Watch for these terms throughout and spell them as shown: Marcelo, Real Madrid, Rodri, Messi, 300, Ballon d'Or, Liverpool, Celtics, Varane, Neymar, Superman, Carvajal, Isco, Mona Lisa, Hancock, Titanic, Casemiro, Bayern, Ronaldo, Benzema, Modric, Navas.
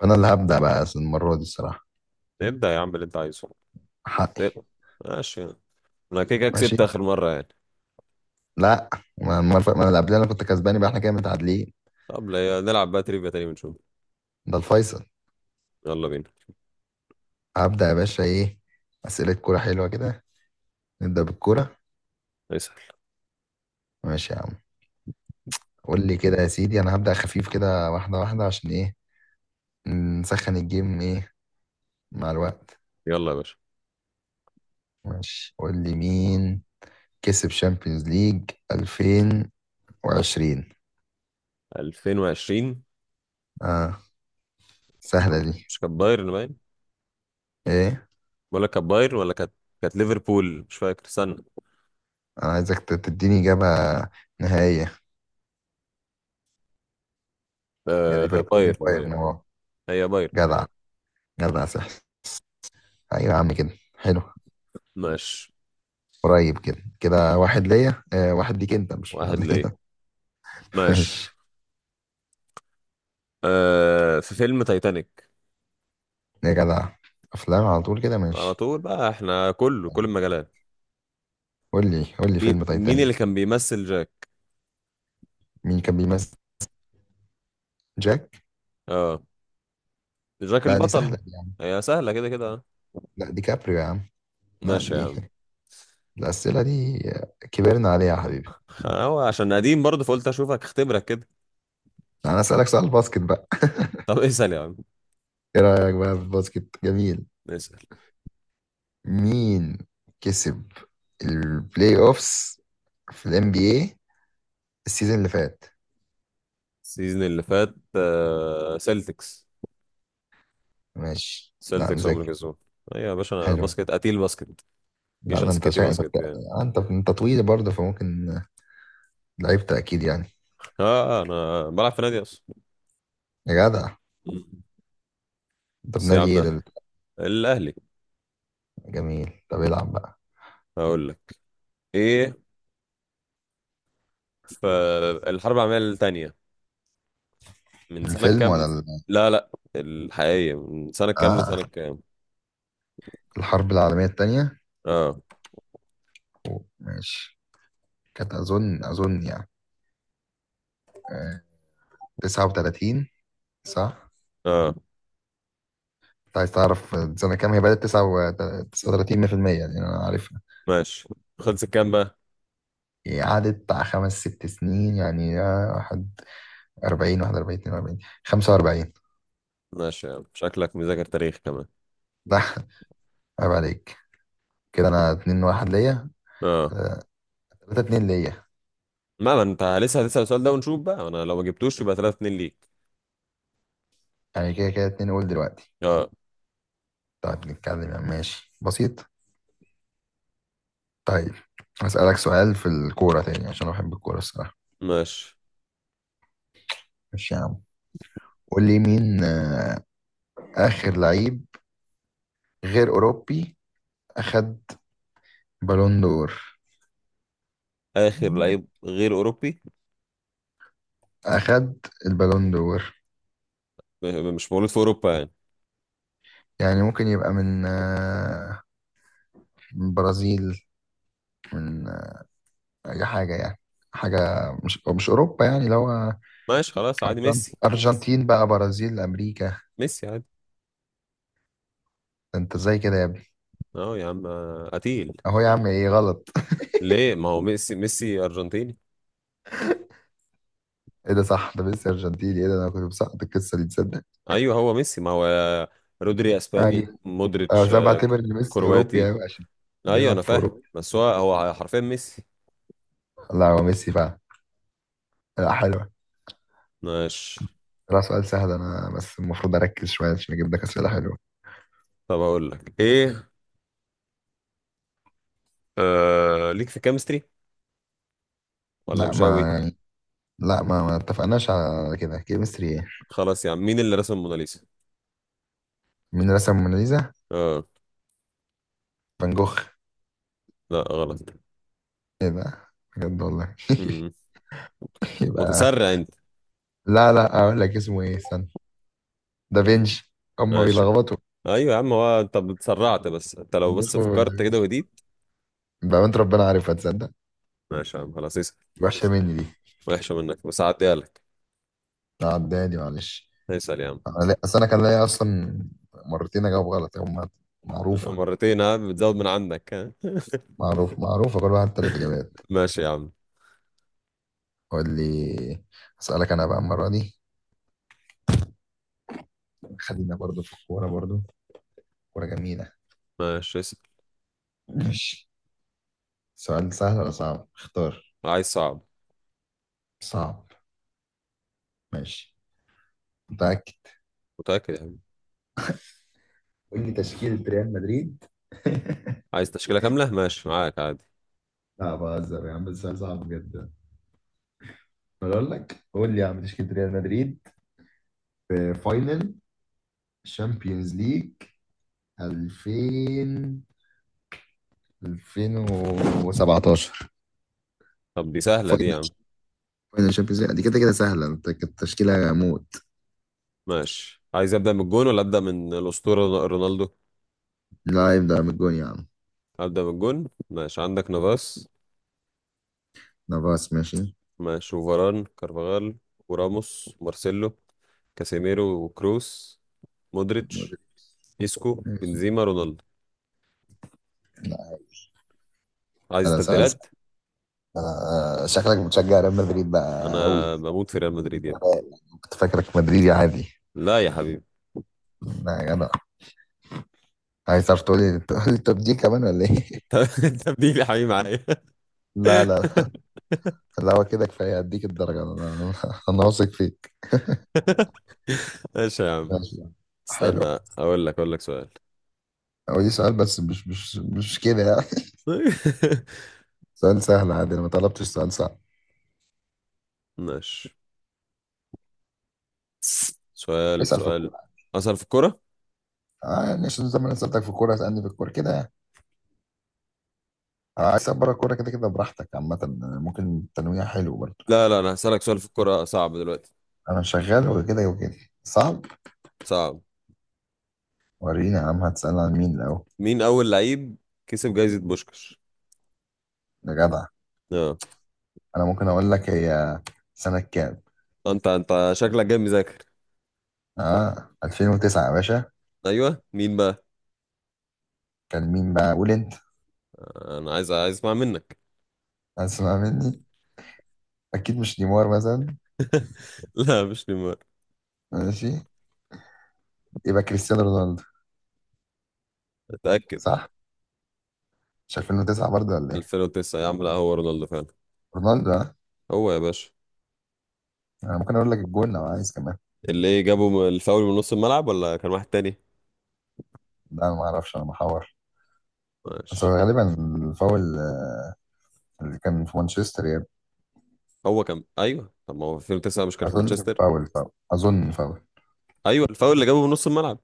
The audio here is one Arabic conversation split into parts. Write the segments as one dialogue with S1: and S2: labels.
S1: فانا اللي هبدأ بقى المرة دي الصراحة
S2: ابدأ يا عم اللي انت عايزه.
S1: حقي.
S2: ابدأ. ماشي. انا كده كده كسبت
S1: ماشي.
S2: اخر مرة يعني.
S1: لا، ما اللي قبلها انا كنت كسباني بقى، احنا كده متعادلين.
S2: طب نلعب بقى تريفيا تاني ونشوف.
S1: ده الفيصل.
S2: يلا بينا.
S1: هبدأ يا باشا ايه، أسئلة كورة حلوة كده. نبدأ بالكورة.
S2: اسأل.
S1: ماشي يا عم. قول لي كده يا سيدي، انا هبدأ خفيف كده واحدة واحدة عشان ايه؟ نسخن الجيم ايه مع الوقت.
S2: يلا يا باشا.
S1: ماشي، قول لي مين كسب شامبيونز ليج 2020.
S2: 2020.
S1: اه
S2: مش
S1: سهلة
S2: كانت
S1: دي.
S2: مش كانت بايرن باين،
S1: ايه؟
S2: ولا كانت بايرن، ولا كانت. كانت ليفربول، مش فاكر، استنى.
S1: انا عايزك تديني إجابة نهائية. يا
S2: آه،
S1: ليفربول يا
S2: بايرن بايرن.
S1: بايرن.
S2: هي بايرن.
S1: جدع، جدع سحر. ايوه يا عم كده. حلو.
S2: ماشي.
S1: قريب كده كده، واحد ليا آه واحد ليك انت، مش واحد
S2: واحد ليه.
S1: ليا.
S2: ماشي.
S1: ماشي.
S2: آه، في فيلم تايتانيك.
S1: يا جدع، افلام على طول كده،
S2: على
S1: ماشي.
S2: طول بقى، احنا كله كل المجالات.
S1: قول لي
S2: مين
S1: فيلم
S2: مين اللي
S1: تايتانيك،
S2: كان بيمثل جاك؟
S1: مين كان بيمثل جاك.
S2: اه، جاك
S1: لا دي
S2: البطل.
S1: سهله دي يا عم.
S2: هي سهلة كده كده.
S1: لا دي كابريو يا عم. لا
S2: ماشي يا
S1: دي
S2: عم.
S1: الاسئله دي كبرنا عليها يا حبيبي.
S2: هو عشان قديم برضه فقلت اشوفك اختبرك كده.
S1: انا اسالك سؤال باسكت بقى.
S2: طب اسأل يا عم.
S1: ايه رايك بقى في الباسكت، جميل.
S2: اسأل.
S1: مين كسب البلاي اوفس في الام بي اي السيزون اللي فات؟
S2: السيزون اللي فات سيلتكس.
S1: ماشي لا
S2: سيلتكس عمر
S1: مذاكر.
S2: كسبان. ايوه يا باشا، انا
S1: حلو.
S2: باسكت، قتيل باسكت.
S1: لا
S2: مش
S1: ده انت
S2: عسكتي باسكت يعني.
S1: آه، انت طويل برضه فممكن لعبت اكيد يعني.
S2: اه انا بلعب في نادي اصلا.
S1: يا جدع.
S2: مم.
S1: انت
S2: بس يا
S1: بنادي ايه
S2: عم،
S1: ده؟
S2: الاهلي.
S1: جميل، طب العب بقى.
S2: هقول لك ايه. فالحرب العالميه الثانيه من سنه
S1: الفيلم ولا
S2: كام؟ لا لا، الحقيقيه، من سنه كام
S1: اه
S2: لسنه كام؟
S1: الحرب العالمية التانية.
S2: اه
S1: أوه، ماشي. كانت اظن يعني آه، 39 صح؟
S2: اه.
S1: انت عايز تعرف سنة كام هي بدأت. 39 100%، يعني انا عارفها.
S2: ماشي. خلصت كام بقى؟
S1: هي قعدت بتاع خمس ست سنين يعني آه، واحد 40 41 42 45.
S2: ماشي يا عم، شكلك مذاكر تاريخ كمان.
S1: لا عيب عليك. كده انا اتنين واحد ليا.
S2: اه.
S1: تلاتة اتنين ليا.
S2: ما انت لسه هتسأل السؤال ده ونشوف بقى، انا لو ما جبتوش يبقى 3 2 ليك.
S1: يعني كده كده اتنين، قول دلوقتي.
S2: اه.
S1: طيب نتكلم يعني، ماشي بسيط. طيب هسألك سؤال في الكورة تاني عشان انا بحب الكورة الصراحة.
S2: ماشي.
S1: ماشي يا عم. قول لي مين آه، آخر لعيب غير أوروبي أخد بالون دور،
S2: اخر لعيب غير اوروبي.
S1: أخد البالون دور.
S2: مش مولود في اوروبا يعني؟
S1: يعني ممكن يبقى من آه، من برازيل، من آه، أي حاجة يعني. حاجة مش أوروبا يعني، لو
S2: ماشي، خلاص عادي، ميسي.
S1: أرجنتين بقى، برازيل، أمريكا.
S2: ميسي عادي.
S1: ده أنت إزاي كده يا.
S2: اه يا عم، قتيل.
S1: اهو يا عم، ايه غلط؟
S2: ليه؟ ما هو ميسي، ميسي ارجنتيني.
S1: ايه ده صح، ده ميسي ارجنتيني، ايه ده انا كنت مسقط القصه دي تصدق.
S2: ايوه هو ميسي، ما هو رودري اسباني،
S1: ايوه أه،
S2: مودريتش
S1: بس انا بعتبر ان ميسي اوروبي
S2: كرواتي.
S1: ايوه عشان
S2: ايوه
S1: بيلعب
S2: انا
S1: في
S2: فاهم،
S1: اوروبا.
S2: بس هو حرفيا ميسي.
S1: لا هو ميسي فعلا. لا حلوه.
S2: ماشي.
S1: لا سؤال سهل، انا بس المفروض اركز شويه عشان اجيب لك اسئله حلوه.
S2: طب اقول لك ايه. آه ليك في كيمستري ولا
S1: لا
S2: مش
S1: ما
S2: قوي؟
S1: يعني، لا ما اتفقناش على كده، كيمستري ايه.
S2: خلاص يا عم، مين اللي رسم الموناليزا؟
S1: مين رسم موناليزا؟
S2: اه.
S1: فان جوخ.
S2: لا غلط.
S1: ايه ده، بجد والله.
S2: مم.
S1: يبقى،
S2: متسرع انت.
S1: لا لا اقول لك اسمه ايه استنى. دافينشي. هما
S2: ماشي.
S1: بيلخبطوا
S2: ايوه يا عم، هو انت اتسرعت، بس انت لو
S1: فان جوخ
S2: بس فكرت كده
S1: ودافينشي
S2: وهديت.
S1: بقى انت، ربنا عارفها تصدق.
S2: ماشي يا عم خلاص، اسال.
S1: وحشة مني دي.
S2: وحشه منك، بس هعديها لك.
S1: عداني معلش.
S2: اسال يا عم.
S1: انا اصل انا كان ليا اصلا مرتين اجاوب غلط، هما معروفة.
S2: مرتين؟ ها، بتزود من عندك؟ ها.
S1: معروف، معروفة كل واحد تلات اجابات.
S2: ماشي يا عم.
S1: قول لي، اسألك انا بقى المرة دي، خلينا برضو في الكورة برضو، كورة جميلة.
S2: ماشي، اسال.
S1: ماشي، سؤال سهل ولا صعب، اختار.
S2: عايز صعب.
S1: صعب. ماشي، متأكد.
S2: متاكد يا عم.
S1: قول لي تشكيلة ريال مدريد.
S2: عايز تشكيله كامله، ماشي معاك عادي.
S1: لا بهزر يا عم، السؤال صعب جدا. بقول لك قول لي يا عم تشكيلة ريال مدريد في فاينل الشامبيونز ليج 2000 2017.
S2: طب دي سهله دي يا
S1: فاينل
S2: عم.
S1: فاينل شامبيونز ليج دي كده كده سهلة، انت كانت تشكيلة موت.
S2: ماشي، عايز ابدا من الجون ولا ابدا من الاسطوره رونالدو؟
S1: لا يبدأ من الجون يا عم.
S2: ابدا من الجون. ماشي، عندك نافاس.
S1: نافاس ماشي.
S2: ماشي، وفاران كارفاغال وراموس مارسيلو، كاسيميرو وكروس، مودريتش،
S1: مودريتش.
S2: إيسكو
S1: ماشي.
S2: بنزيما رونالدو.
S1: لا،
S2: عايز
S1: انا سأل.
S2: تبديلات؟
S1: آه، شكلك بتشجع ريال مدريد بقى قوي.
S2: انا بموت في ريال مدريد يا ابني.
S1: كنت فاكرك مدريدي عادي.
S2: لا يا حبيبي.
S1: لا يا جدع. عايز تعرف؟ تقول لي طب دي كمان ولا ايه؟
S2: الت- التبديل يا حبيبي معايا.
S1: لا لا، لا هو كده كفاية هديك الدرجة. انا انا أنا واثق فيك.
S2: ماشي يا عم.
S1: ماشي يا عم. حلو.
S2: استنى. اقول لك سؤال.
S1: هو دي سؤال بس مش كده. سؤال سهل عادي، انا ما طلبتش سؤال صعب.
S2: ماشي. سؤال
S1: اسال في
S2: سؤال
S1: الكوره.
S2: اسأل في الكوره.
S1: اه يعني عشان زي ما انا سالتك في الكوره اسالني في الكوره كده يعني. آه، عايز اسال بره الكوره كده كده براحتك، عامه يعني ممكن تنويع حلو برضه.
S2: لا لا، انا هسألك سؤال في الكوره صعب دلوقتي.
S1: انا شغال وكده وكده. صعب.
S2: صعب.
S1: وريني يا عم هتسال عن مين الاول.
S2: مين اول لعيب كسب جائزة بوشكش؟
S1: يا جدع.
S2: اه.
S1: انا ممكن اقول لك هي سنه كام.
S2: انت شكلك جاي مذاكر.
S1: اه 2009 يا باشا.
S2: ايوه مين بقى؟
S1: كان مين بقى، قول انت.
S2: انا عايز اسمع منك.
S1: اسمع مني، اكيد مش نيمار مثلا.
S2: لا مش نيمار.
S1: ماشي، يبقى كريستيانو رونالدو.
S2: اتاكد.
S1: صح، مش 2009 برضه ولا ايه.
S2: 2009 يا عم، لا هو رونالدو فعلا.
S1: رونالدو اه.
S2: هو يا باشا.
S1: انا ممكن اقول لك الجول لو عايز كمان.
S2: اللي إيه جابه من الفاول من نص الملعب، ولا كان واحد تاني؟
S1: لا ما اعرفش، انا محور. بس
S2: ماشي.
S1: هو غالبا الفاول اللي كان في مانشستر يعني.
S2: هو كان، ايوه، طب ما هو في 2009 مش كان في
S1: اظن كان
S2: مانشستر.
S1: فاول اظن فاول.
S2: ايوه الفاول اللي جابه من نص الملعب.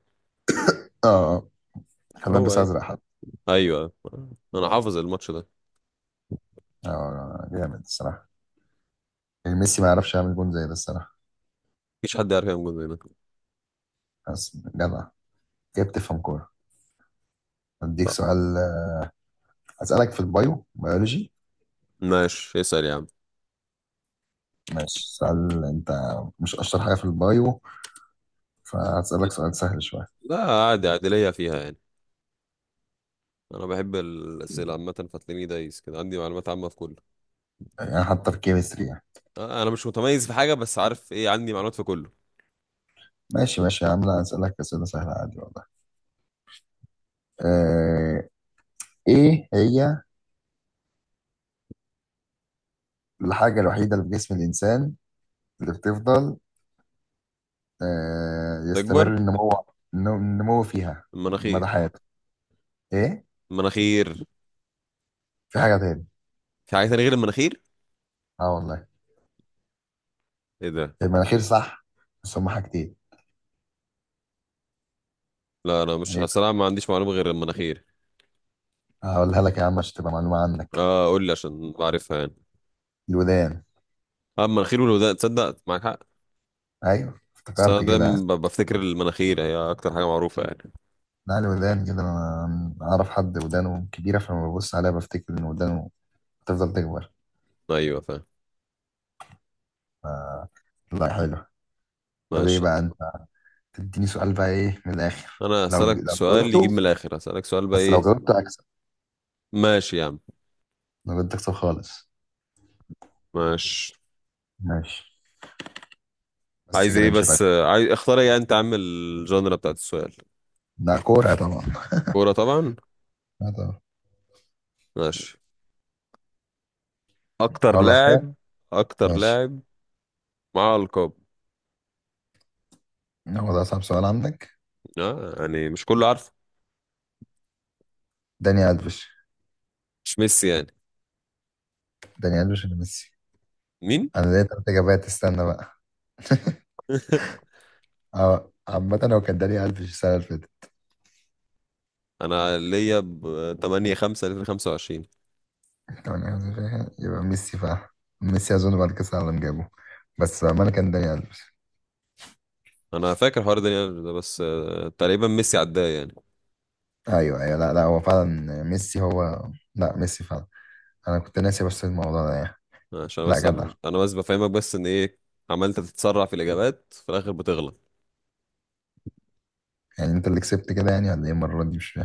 S1: اه، كان
S2: هو
S1: لابس
S2: ايوه.
S1: ازرق حد.
S2: ايوه. انا حافظ الماتش ده.
S1: اه جامد الصراحه. يعني ميسي ما يعرفش يعمل جون زي ده الصراحه.
S2: مفيش حد يعرف يعمل جول زي ده.
S1: بس جدع، كيف بتفهم كوره. اديك
S2: طب،
S1: سؤال، اسالك في البايو بيولوجي.
S2: ماشي اسال يا عم.
S1: ماشي سؤال. انت مش اشطر حاجه في البايو فهسالك سؤال سهل شويه.
S2: لا عادي، عادي ليا فيها يعني. انا بحب الاسئله عامه، فتلاقيني دايس كده، عندي معلومات عامه في كله.
S1: يعني حتى في الكيمستري يعني.
S2: انا مش متميز في حاجه، بس عارف ايه، عندي معلومات في كله.
S1: ماشي ماشي يا عم، لا اسالك اسئله سهله عادي والله. آه، ايه هي الحاجة الوحيدة اللي في جسم الإنسان اللي بتفضل آه،
S2: تكبر.
S1: يستمر النمو فيها
S2: المناخير.
S1: مدى حياته؟ إيه؟
S2: المناخير.
S1: في حاجة تاني.
S2: في حاجه تانية غير المناخير؟
S1: أه والله،
S2: ايه ده؟
S1: المناخير صح بس هما حاجتين.
S2: لا، انا مش،
S1: إيه بقى؟
S2: الصراحه ما عنديش معلومه غير المناخير.
S1: هقولها لك يا عم عشان تبقى معلومة عنك.
S2: اه قول لي عشان بعرفها يعني.
S1: الودان.
S2: اه، المناخير والودان، تصدق معاك حق.
S1: أيوه
S2: بس
S1: افتكرت
S2: انا
S1: كده، ها؟
S2: دايما بفتكر المناخير هي اكتر حاجه معروفه يعني.
S1: لا الودان كده، أنا أعرف حد ودانه كبيرة فلما ببص عليها بفتكر إن ودانه بتفضل تكبر.
S2: ايوه فاهم.
S1: ف- لا حلو. طب إيه
S2: ماشي.
S1: بقى أنت تديني سؤال بقى، إيه من الآخر.
S2: انا
S1: لو
S2: هسالك
S1: لو طب
S2: سؤال
S1: جاوبته
S2: يجيب من
S1: السؤال،
S2: الاخر، هسالك سؤال بقى،
S1: بس لو
S2: ايه؟
S1: جاوبته أكسب.
S2: ماشي يا عم.
S1: ما بدك صف خالص.
S2: ماشي.
S1: ماشي، بس
S2: عايز
S1: كده
S2: ايه
S1: مش راجع.
S2: بس عايز اختار ايه، انت عامل الجانرا بتاعت السؤال.
S1: ده كورة طبعا.
S2: كوره طبعا.
S1: لا طبعا.
S2: ماشي. اكتر
S1: اقول لك حاجة.
S2: لاعب. اكتر
S1: ماشي،
S2: لاعب معاه القاب.
S1: هو ده اصعب سؤال عندك.
S2: آه يعني مش كله عارفه.
S1: داني ألفيش.
S2: مش ميسي يعني.
S1: داني ألفيش ولا ميسي.
S2: مين؟
S1: انا ليا تلات اجابات استنى بقى. اه عامة هو كان داني ألفيش السنة اللي فاتت.
S2: انا ليا ب 8/5/2025.
S1: 28 فيها، يبقى ميسي فعلا. ميسي اظن بعد كاس العالم جابه، بس بأمانة كان داني ألفيش.
S2: انا فاكر حوار ده بس تقريبا ميسي عداه يعني.
S1: ايوه ايوه، لا هو فعلا ميسي هو. لا ميسي فعلا. انا كنت ناسي بس الموضوع ده يعني.
S2: عشان
S1: لا
S2: بس
S1: جدع.
S2: انا بس بفهمك بس ان ايه. عمال تتسرع في الاجابات، في الاخر بتغلط.
S1: يعني انت اللي كسبت كده يعني ولا ايه المرة دي مش